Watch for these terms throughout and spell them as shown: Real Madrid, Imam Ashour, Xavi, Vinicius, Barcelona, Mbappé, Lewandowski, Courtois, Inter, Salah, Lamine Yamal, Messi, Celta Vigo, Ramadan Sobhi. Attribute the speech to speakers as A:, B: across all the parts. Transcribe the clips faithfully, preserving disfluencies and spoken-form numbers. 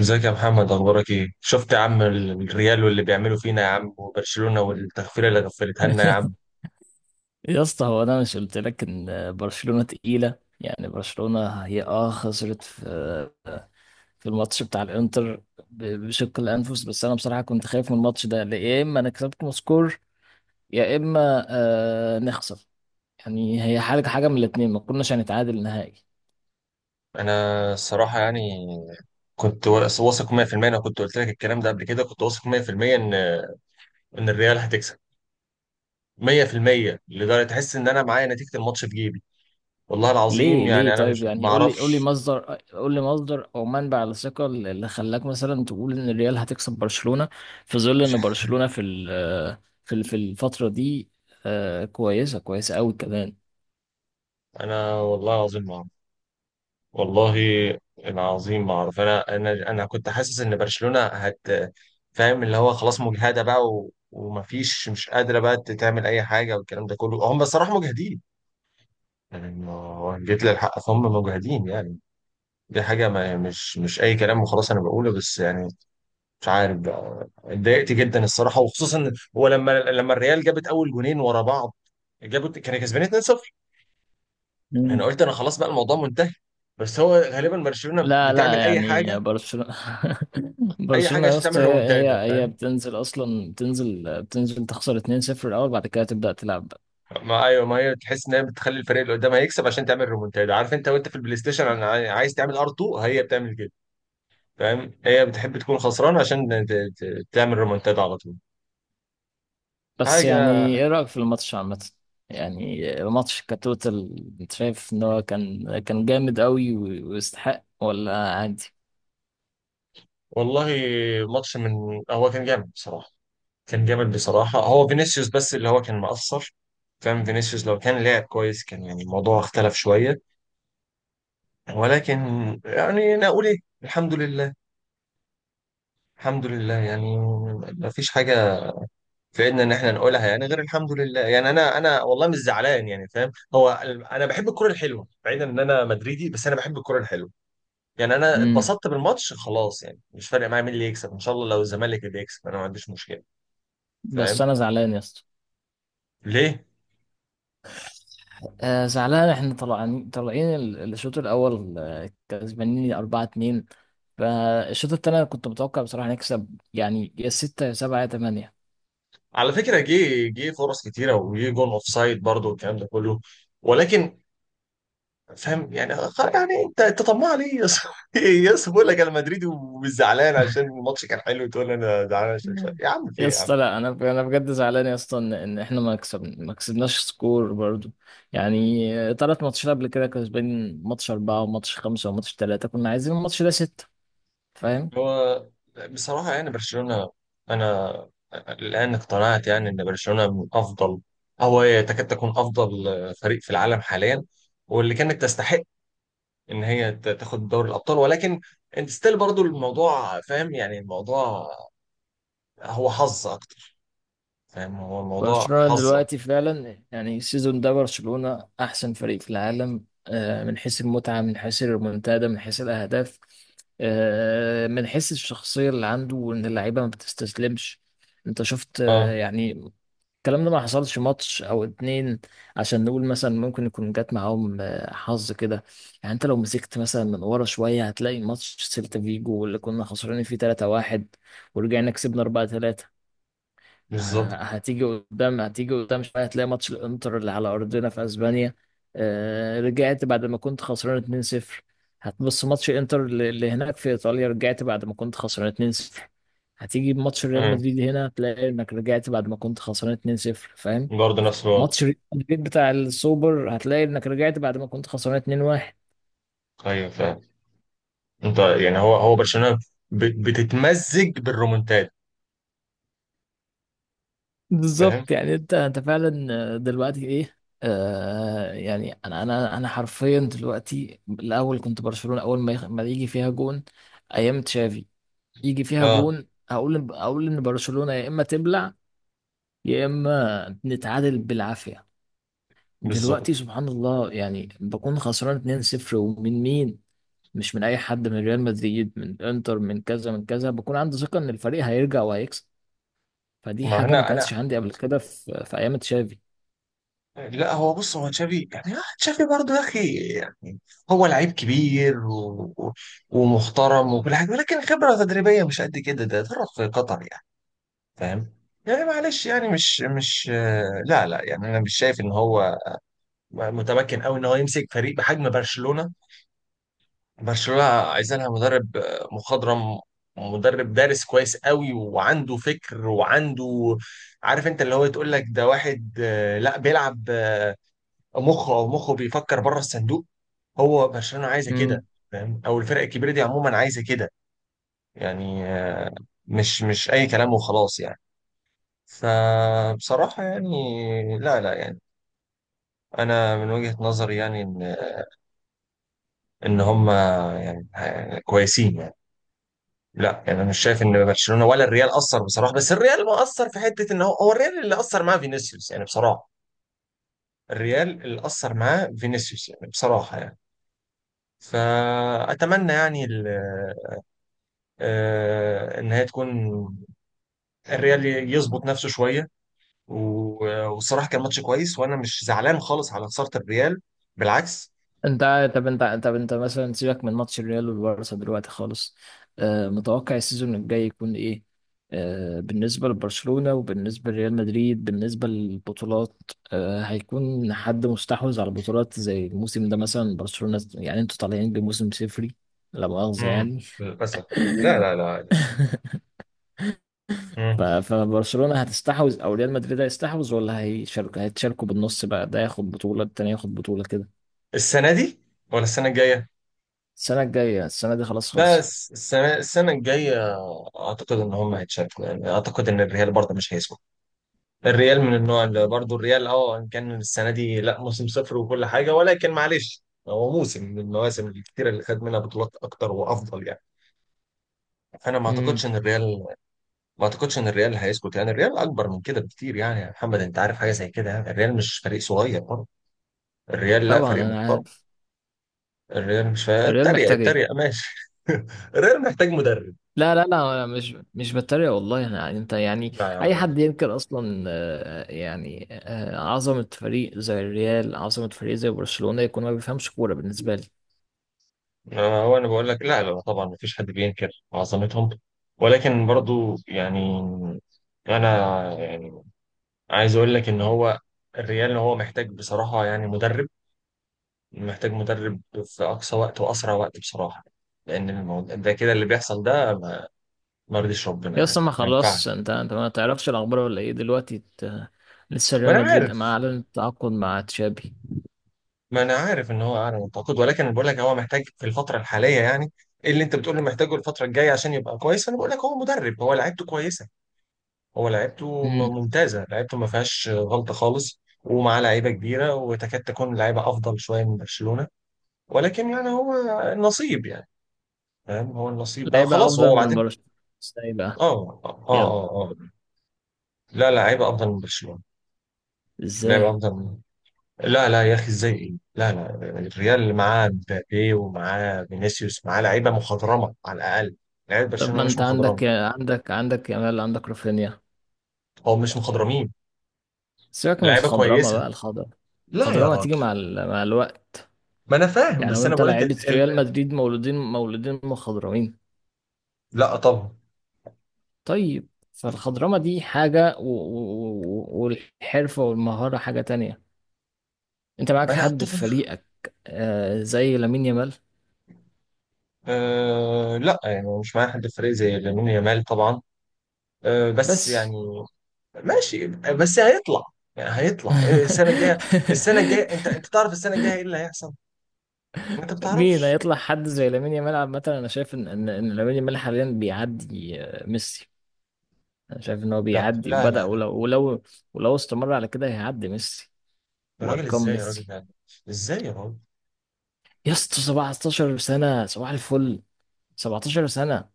A: ازيك يا محمد، اخبارك ايه؟ شفت يا عم ال- الريال واللي بيعملوا فينا يا عم، وبرشلونة والتغفيله اللي غفلتها لنا يا عم.
B: يا اسطى، هو انا مش قلت لك ان برشلونة تقيلة؟ يعني برشلونة هي اه خسرت في في الماتش بتاع الانتر، ب- بشق الانفس. بس انا بصراحة كنت خايف من الماتش ده، لا يا اما نكسبكم سكور، يا اما آه نخسر. يعني هي حاجة حاجة من الاتنين، ما كناش هنتعادل نهائي.
A: انا الصراحه يعني كنت وا- واثق مية في المية، انا كنت قلت لك الكلام ده قبل كده، كنت واثق مية في المية ان ان الريال هتكسب مية في المية، لدرجه تحس ان انا معايا نتيجه الماتش في جيبي. والله العظيم
B: ليه
A: يعني
B: ليه
A: انا
B: طيب؟
A: مش ما
B: يعني قول لي قول لي
A: اعرفش.
B: مصدر قول لي مصدر او منبع الثقة اللي خلاك مثلا تقول ان الريال هتكسب برشلونة، في ظل
A: مش
B: ان
A: ح-
B: برشلونة في ال- في ال- في الفترة دي. آه، كويسة كويسة قوي كمان.
A: انا والله العظيم ما أعرف. والله العظيم ما اعرف، انا انا انا كنت حاسس ان برشلونة هت فاهم، اللي هو خلاص مجهدة بقى و... ومفيش، مش قادرة بقى تعمل اي حاجة، والكلام ده كله، هم بصراحة مجهدين يعني، ما هو جيت للحق فهم مجهدين يعني. دي حاجة، ما مش مش اي كلام وخلاص انا بقوله، بس يعني مش عارف بقى، اتضايقت جدا الصراحة، وخصوصا هو لما لما الريال جابت اول جونين ورا بعض، جابوا كانوا كسبانين اتنين لا شيء. انا
B: مم.
A: قلت انا خلاص بقى الموضوع منتهي، بس هو غالبا برشلونة
B: لا، لا،
A: بتعمل اي
B: يعني
A: حاجة،
B: برشلونة
A: اي حاجه
B: برشلونة يا
A: عشان تعمل
B: اسطى هي
A: ريمونتادا،
B: هي هي
A: فاهم.
B: بتنزل اصلا بتنزل بتنزل تخسر اتنين صفر الاول، بعد كده تبدأ تلعب.
A: ما ايوه، ما هي تحس ان هي بتخلي الفريق اللي قدام هيكسب عشان تعمل ريمونتادا، عارف انت وانت في البلاي ستيشن، انا عاي- عايز تعمل ار اتنين هي بتعمل كده. فاهم، هي بتحب تكون خسران عشان ت- ت- تعمل ريمونتادا على طول.
B: بس يعني
A: حاجه،
B: ايه رأيك في الماتش عامة؟ يعني الماتش كتوتال، انت شايف ان هو كان كان جامد قوي و- ويستحق، ولا عادي؟
A: والله ماتش من، هو كان جامد بصراحه، كان جامد بصراحه، هو فينيسيوس بس اللي هو كان مقصر. فاهم، فينيسيوس لو كان لعب كويس كان يعني الموضوع اختلف شويه، ولكن يعني انا اقول ايه؟ الحمد لله، الحمد لله يعني، ما فيش حاجه في ايدنا ان احنا نقولها يعني غير الحمد لله. يعني انا، انا والله مش زعلان يعني، فاهم، هو ال- انا بحب الكرة الحلوة، بعيدا ان انا مدريدي، بس انا بحب الكرة الحلوة. يعني انا
B: امم
A: اتبسطت بالماتش خلاص، يعني مش فارق معايا مين اللي يكسب، ان شاء الله لو الزمالك اللي يكسب انا ما عنديش مشكلة.
B: بس
A: فاهم،
B: انا زعلان يا اسطى.
A: ليه؟
B: آه زعلان، احنا طالعين طالعين ال- الشوط الاول آه، كسبانين اربعة اتنين. فالشوط التاني أنا كنت متوقع بصراحة نكسب، يعني يا ستة يا سبعة يا تمانية.
A: على فكرة جه جه فرص كتيرة، وجه جون اوف سايد برضه، والكلام ده كله، ولكن فاهم يعني، خ- يعني انت انت طماع ليه يا اسطى؟ يا اسطى، بقول لك انا مدريدي ومش زعلان عشان الماتش كان حلو، تقول انا زعلان عشان مش عارف. يا عم في
B: يا
A: إيه يا عم؟
B: اسطى لا، انا انا بجد زعلان يا اسطى ان إن احنا ما كسب ما كسبناش سكور برضو. يعني ثلاث ماتشات قبل كده كسبان، ماتش أربعة وماتش خمسة وماتش ثلاثة، كنا عايزين الماتش ده ستة. فاهم؟
A: هو بصراحة يعني برشلونة، أنا الآن اقتنعت يعني إن برشلونة من أفضل، أو هي تكاد تكون أفضل فريق في العالم حاليا، واللي كانت تستحق إن هي ت- تاخد دوري الأبطال، ولكن أنت ستيل برضو الموضوع. فاهم، يعني الموضوع هو حظ أكتر، فاهم، هو الموضوع
B: برشلونة
A: حظة.
B: دلوقتي فعلا يعني السيزون ده برشلونة أحسن فريق في العالم، آه، من حيث المتعة، من حيث الريمونتادا، من حيث الأهداف، آه، من حيث الشخصية اللي عنده، وإن اللعيبة ما بتستسلمش. أنت شفت آه،
A: أه
B: يعني الكلام ده ما حصلش ماتش او اتنين عشان نقول مثلا ممكن يكون جات معاهم آه، حظ كده. يعني انت لو مسكت مثلا من ورا شويه هتلاقي ماتش سيلتا فيجو اللي كنا خسرانين فيه تلاتة واحد ورجعنا كسبنا أربعة ثلاثة. ه-
A: بالظبط.
B: هتيجي قدام، هتيجي قدام شويه هتلاقي ماتش الانتر اللي على ارضنا في اسبانيا آه، رجعت بعد ما كنت خسران اتنين صفر. هتبص ماتش انتر اللي اللي هناك في ايطاليا، رجعت بعد ما كنت خسران اتنين لا شيء. هتيجي بماتش ريال
A: أه
B: مدريد هنا، تلاقي انك رجعت بعد ما كنت خسران اتنين لا شيء، فاهم؟
A: برضه نفس الوضع.
B: ماتش ريال مدريد بتاع السوبر هتلاقي انك رجعت بعد ما كنت خسران اتنين واحد.
A: أيوه فاهم، أنت يعني هو هو برشلونة ب- بتتمزج بالرومنتاد، فاهم.
B: بالظبط، يعني انت انت فعلا. آه، دلوقتي ايه؟ آه يعني انا انا انا حرفيا دلوقتي، الاول كنت برشلونة، اول ما يخ- ما يجي فيها جون ايام تشافي، يجي فيها
A: أه
B: جون اقول اقول ان برشلونة يا اما تبلع، يا اما نتعادل بالعافية. دلوقتي
A: بالظبط.
B: سبحان الله، يعني بكون خسران اتنين صفر ومن مين؟ مش من اي حد، من ريال مدريد، من انتر، من كذا من كذا، بكون عندي ثقه ان الفريق هيرجع وهيكسب. فدي
A: ما
B: حاجه ما
A: هنا انا،
B: كانتش عندي قبل كده في في ايام تشافي.
A: لا هو بص، هو تشافي يعني، آه، تشافي برضه يا اخي يعني، هو لعيب كبير و... و- ومحترم وكل حاجه، ولكن خبره تدريبيه مش قد كده، ده درب في قطر يعني، فاهم. يعني معلش يعني مش مش آه، لا لا يعني انا مش شايف ان هو متمكن قوي ان هو يمسك فريق بحجم برشلونه. برشلونه عايز لها مدرب آه، مخضرم، مدرب دارس كويس قوي، وعنده فكر وعنده، عارف انت اللي هو تقول لك ده واحد، آه، لا بيلعب مخه، او مخه بيفكر بره الصندوق. هو برشلونه عايزه كده،
B: امم
A: فاهم، او الفرق الكبيره دي عموما عايزه كده. يعني آه، مش مش اي كلام وخلاص يعني. فبصراحه يعني لا لا، يعني انا من وجهه نظري يعني ان ان هم يعني ه- كويسين يعني. لا يعني انا مش شايف ان برشلونه ولا الريال اثر بصراحه، بس الريال ما اثر في حته ان هو، هو الريال اللي اثر معاه فينيسيوس يعني بصراحه، الريال اللي اثر معاه فينيسيوس يعني بصراحه يعني. فاتمنى يعني ال- آه، ان هي تكون، الريال يظبط نفسه شويه، و- والصراحه كان ماتش كويس، وانا مش زعلان خالص على خساره الريال، بالعكس.
B: انت طب، انت طب انت مثلا سيبك من ماتش الريال والبارسا دلوقتي خالص. آه متوقع السيزون الجاي يكون ايه؟ آه بالنسبه لبرشلونه وبالنسبه لريال مدريد، بالنسبه للبطولات آه هيكون حد مستحوذ على البطولات زي الموسم ده؟ مثلا برشلونه يعني انتوا طالعين بموسم صفري، لا مؤاخذه
A: امم
B: يعني.
A: للاسف. لا لا لا.
B: ف-
A: مم.
B: فبرشلونة هتستحوذ، او ريال مدريد هيستحوذ، ولا هيشارك هيتشاركوا بالنص بقى، ده ياخد بطولة التاني ياخد بطولة كده؟
A: السنه دي ولا السنه الجايه؟
B: السنة الجاية، السنة دي خلاص خلصت.
A: بس السنه السنه الجايه، اعتقد ان هم هيتشاركوا يعني، اعتقد ان الريال برضه مش هيسكت. الريال من النوع اللي برضه، الريال اه إن كان السنه دي لا موسم صفر وكل حاجه، ولكن معلش، هو موسم من المواسم الكتيره اللي خد منها بطولات اكتر وافضل يعني. انا ما اعتقدش
B: امم
A: ان الريال، ما اعتقدش ان الريال هيسكت، يعني الريال اكبر من كده بكتير يعني، يا محمد انت عارف حاجه زي كده يعني، الريال مش فريق صغير برضه، الريال لا
B: طبعا
A: فريق
B: انا
A: محترم.
B: عارف.
A: الريال مش فا-
B: الريال
A: اتريق،
B: محتاج ايه؟
A: اتريق، ماشي. الريال محتاج مدرب.
B: لا، لا، لا، انا مش مش بتريق والله. انا يعني، انت يعني،
A: لا
B: اي
A: يعني،
B: حد ينكر اصلا آه، يعني آه، عظمة فريق زي الريال، عظمة فريق زي برشلونة، يكون ما بيفهمش كورة بالنسبة لي.
A: أنا- هو انا بقول لك، لا لا طبعا ما فيش حد بينكر عظمتهم، ولكن برضو يعني، انا يعني عايز اقول لك ان هو، الريال هو محتاج بصراحه يعني مدرب، محتاج مدرب في أقصى وقت وأسرع وقت بصراحة، لأن الموضوع ده كده اللي بيحصل ده، ما ما يرضيش ربنا
B: يا
A: يعني،
B: اصلا ما
A: ما ينفعش.
B: خلاص، انت انت ما تعرفش الاخبار ولا ايه دلوقتي ت- لسه
A: ما
B: ريال
A: أنا
B: مدريد ما
A: عارف،
B: اعلن التعاقد مع تشابي؟
A: ما أنا عارف إن هو أعلى من التعاقد، ولكن أنا بقول لك هو محتاج في الفترة الحالية يعني، إيه اللي أنت بتقول له محتاجه الفترة الجاية عشان يبقى كويس؟ أنا بقول لك هو مدرب، هو لعيبته كويسة، هو لعيبته م- ممتازة، لعيبته ما فيهاش غلطة خالص، ومعاه لعيبة كبيرة، وتكاد تكون لعيبة أفضل شوية من برشلونة، ولكن يعني هو النصيب يعني، فاهم، هو النصيب بقى
B: لعيبة
A: خلاص،
B: أفضل
A: هو
B: من
A: بعدين.
B: برشلونة؟ ازاي بقى؟
A: اه اه
B: يلا،
A: اه اه. لا لا، لعيبه افضل من برشلونه. لعيبه
B: ازاي؟
A: افضل من، لا لا يا اخي، ازاي ايه؟ لا لا، الريال اللي معاه مبابي ومعاه فينيسيوس، معاه لعيبه مخضرمه على الاقل، لعيبه
B: طب
A: برشلونه
B: ما
A: مش
B: انت
A: مخضرمه،
B: عندك، عندك عندك يامال، عندك رافينيا.
A: او مش مخضرمين.
B: سيبك من
A: لعيبه
B: الخضرمة
A: كويسه،
B: بقى. الخضرمة
A: لا يا
B: الخضرمة هتيجي
A: راجل.
B: مع ال... مع الوقت.
A: ما انا فاهم
B: يعني
A: بس انا
B: وانت
A: بقول لك
B: لعيبة
A: ال... ال...
B: ريال مدريد مولودين مولودين مخضرمين؟
A: لا طبعا،
B: طيب فالخضرمة دي حاجة، و... و... و- والحرفة والمهارة حاجة تانية. انت معاك
A: ما انا
B: حد في
A: اتفق.
B: فريقك آه زي لامين يامال؟
A: أه لا يعني مش معايا حد في الفريق زي لامين يامال طبعا، أه بس
B: بس.
A: يعني، ماشي بس هيطلع، يعني هيطلع السنه الجايه. السنه الجايه، انت انت تعرف السنه الجايه ايه اللي هيحصل؟ ما انت
B: مين
A: بتعرفش.
B: هيطلع حد زي لامين يامال؟ عامة أنا شايف إن إن إن لامين يامال حاليا بيعدي آه، ميسي. أنا شايف إن هو
A: لا
B: بيعدي
A: لا
B: وبدأ،
A: لا لا،
B: ولو ولو ولو استمر على كده هيعدي ميسي
A: يا راجل
B: وأرقام
A: ازاي يا راجل
B: ميسي.
A: ده، ازاي يا راجل؟
B: يا اسطى سبعة عشر سنة صباح الفل. سبعتاشر سنة.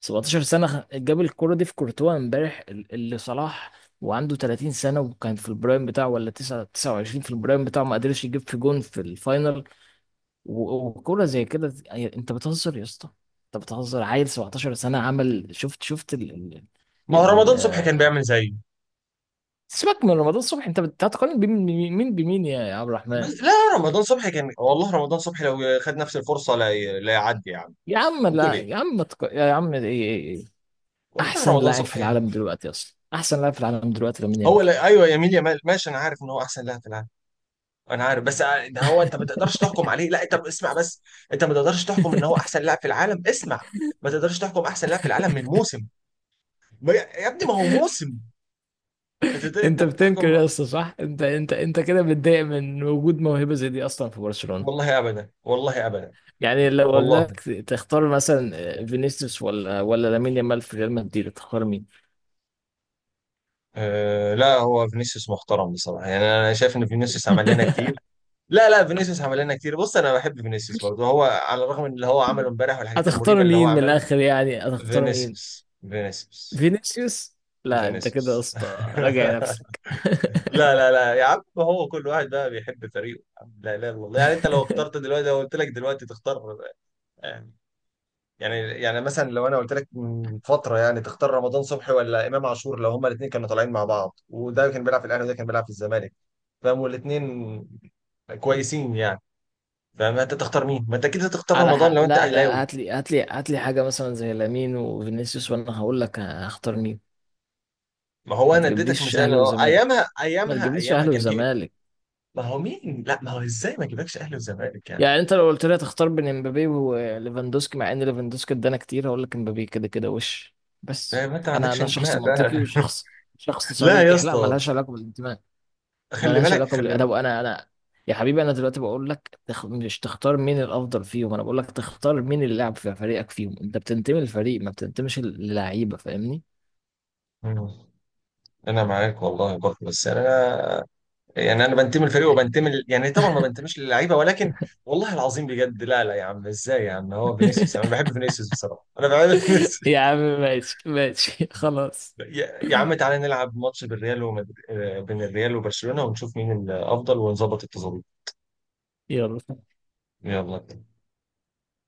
B: سبعتاشر سنة خ- جاب الكرة دي في كورتوا امبارح، ال- اللي صلاح وعنده تلاتين سنة وكان في البرايم بتاعه، ولا تسعة تسعة وعشرين في البرايم بتاعه، ما قدرش يجيب في جون في الفاينل. و- وكرة زي كده ت- أي- انت بتهزر يا اسطى. انت بتهزر، عيل سبعة عشر سنة عمل شفت شفت ال ال
A: ما هو
B: ال
A: رمضان صبحي كان
B: آه،
A: بيعمل زيه.
B: سيبك من رمضان الصبح، انت بت- هتقارن بين- بمين مين بمين يا يا عبد الرحمن؟
A: بس لا رمضان صبحي كان، والله رمضان صبحي لو خد نفس الفرصه لا ي- لا يعدي يا عم.
B: يا عم
A: بتقول
B: لا يا
A: ايه؟
B: عم، ما تق... يا عم ايه، ايه، ايه، ايه.
A: والله
B: احسن
A: رمضان
B: لاعب في
A: صبحي.
B: العالم دلوقتي اصلا، احسن لاعب في العالم دلوقتي لامين
A: هو
B: يامال.
A: لا، ايوه يا ميل يا مال ماشي، انا عارف ان هو احسن لاعب في العالم، انا عارف بس، ع- ده هو انت ما تقدرش تحكم عليه، لا انت اسمع بس، انت ما تقدرش تحكم ان هو احسن لاعب في العالم، اسمع، ما تقدرش تحكم احسن لاعب في العالم من موسم، ما- يا ابني ما هو موسم، انت انت
B: انت بتنكر
A: بتحكم.
B: يا اسطى؟ صح، انت انت انت كده متضايق من وجود موهبة زي دي اصلا في برشلونة؟
A: والله ابدا، والله ابدا،
B: يعني لو قلنا
A: والله
B: لك تختار مثلا فينيسيوس ولا ولا لامين يامال، في ريال مدريد تختار مين؟
A: أه لا هو فينيسيوس محترم بصراحه، يعني انا شايف ان فينيسيوس عمل لنا كتير، لا لا فينيسيوس عمل لنا كتير، بص انا بحب فينيسيوس برضه، هو على الرغم من اللي هو عمله امبارح والحاجات المريبه
B: هتختار
A: اللي هو
B: مين من
A: عملها.
B: الاخر؟ يعني هتختار مين؟
A: فينيسيوس. فينيسيوس.
B: فينيسيوس. لا انت كده يا
A: فينيسيوس.
B: اسطى، راجع نفسك.
A: لا لا لا يا عم، هو كل واحد بقى بيحب فريقه. لا لا والله، يعني انت لو اخترت دلوقتي، لو قلت لك دلوقتي تختار، آه، يعني يعني مثلا، لو انا قلت لك من فتره يعني تختار رمضان صبحي ولا امام عاشور، لو هما الاثنين كانوا طالعين مع بعض، وده كان بيلعب في الاهلي وده كان بيلعب في الزمالك، فاهم، والاثنين كويسين يعني، فما انت تختار مين؟ ما انت كده تختار
B: على
A: رمضان
B: حق.
A: لو انت
B: لا، لا،
A: اهلاوي.
B: هات لي هات لي هات لي حاجه مثلا زي لامين وفينيسيوس، وانا هقول لك هختار مين.
A: ما هو
B: ما
A: انا اديتك
B: تجيبليش
A: مثال
B: اهلي
A: اهو،
B: وزمالك،
A: ايامها
B: ما
A: ايامها
B: تجيبليش
A: ايامها
B: اهلي
A: كان في إيه؟
B: وزمالك.
A: ما هو مين؟ لا ما هو ازاي ما جيبكش اهلي وزمالك يعني؟
B: يعني انت لو قلت لي هتختار بين امبابي وليفاندوسكي، مع ان ليفاندوسكي ادانا كتير، هقول لك امبابي. كده كده، وش
A: لا
B: بس.
A: ما انت ما
B: انا
A: عندكش
B: انا شخص
A: انتماء بقى.
B: منطقي، وشخص شخص
A: لا يا
B: صريح، لا
A: اسطى،
B: ملهاش علاقه بالانتماء. ما
A: خلي
B: لهاش
A: بالك
B: علاقه
A: خلي بالك.
B: بالادب. انا انا يا حبيبي، انا دلوقتي بقول لك تخ... مش تختار مين الافضل فيهم، انا بقول لك تختار مين اللي لعب في فريقك فيهم. انت بتنتمي للفريق، ما بتنتميش للعيبه، فاهمني؟
A: مم. انا معاك والله برضه، بس انا يعني انا بنتمي للفريق وبنتمي ل- يعني طبعا ما بنتميش للعيبه، ولكن والله العظيم بجد، لا لا يا عم، ازاي يا عم؟ هو فينيسيوس، انا بحب فينيسيوس بصراحه، انا بحب فينيسيوس.
B: يا عم ماشي، ماشي خلاص.
A: يا يا عم تعالى نلعب ماتش بالريال، ومد... آه، بين الريال وبرشلونه، ونشوف مين الافضل ونظبط التظابيط.
B: يلا.
A: يلا.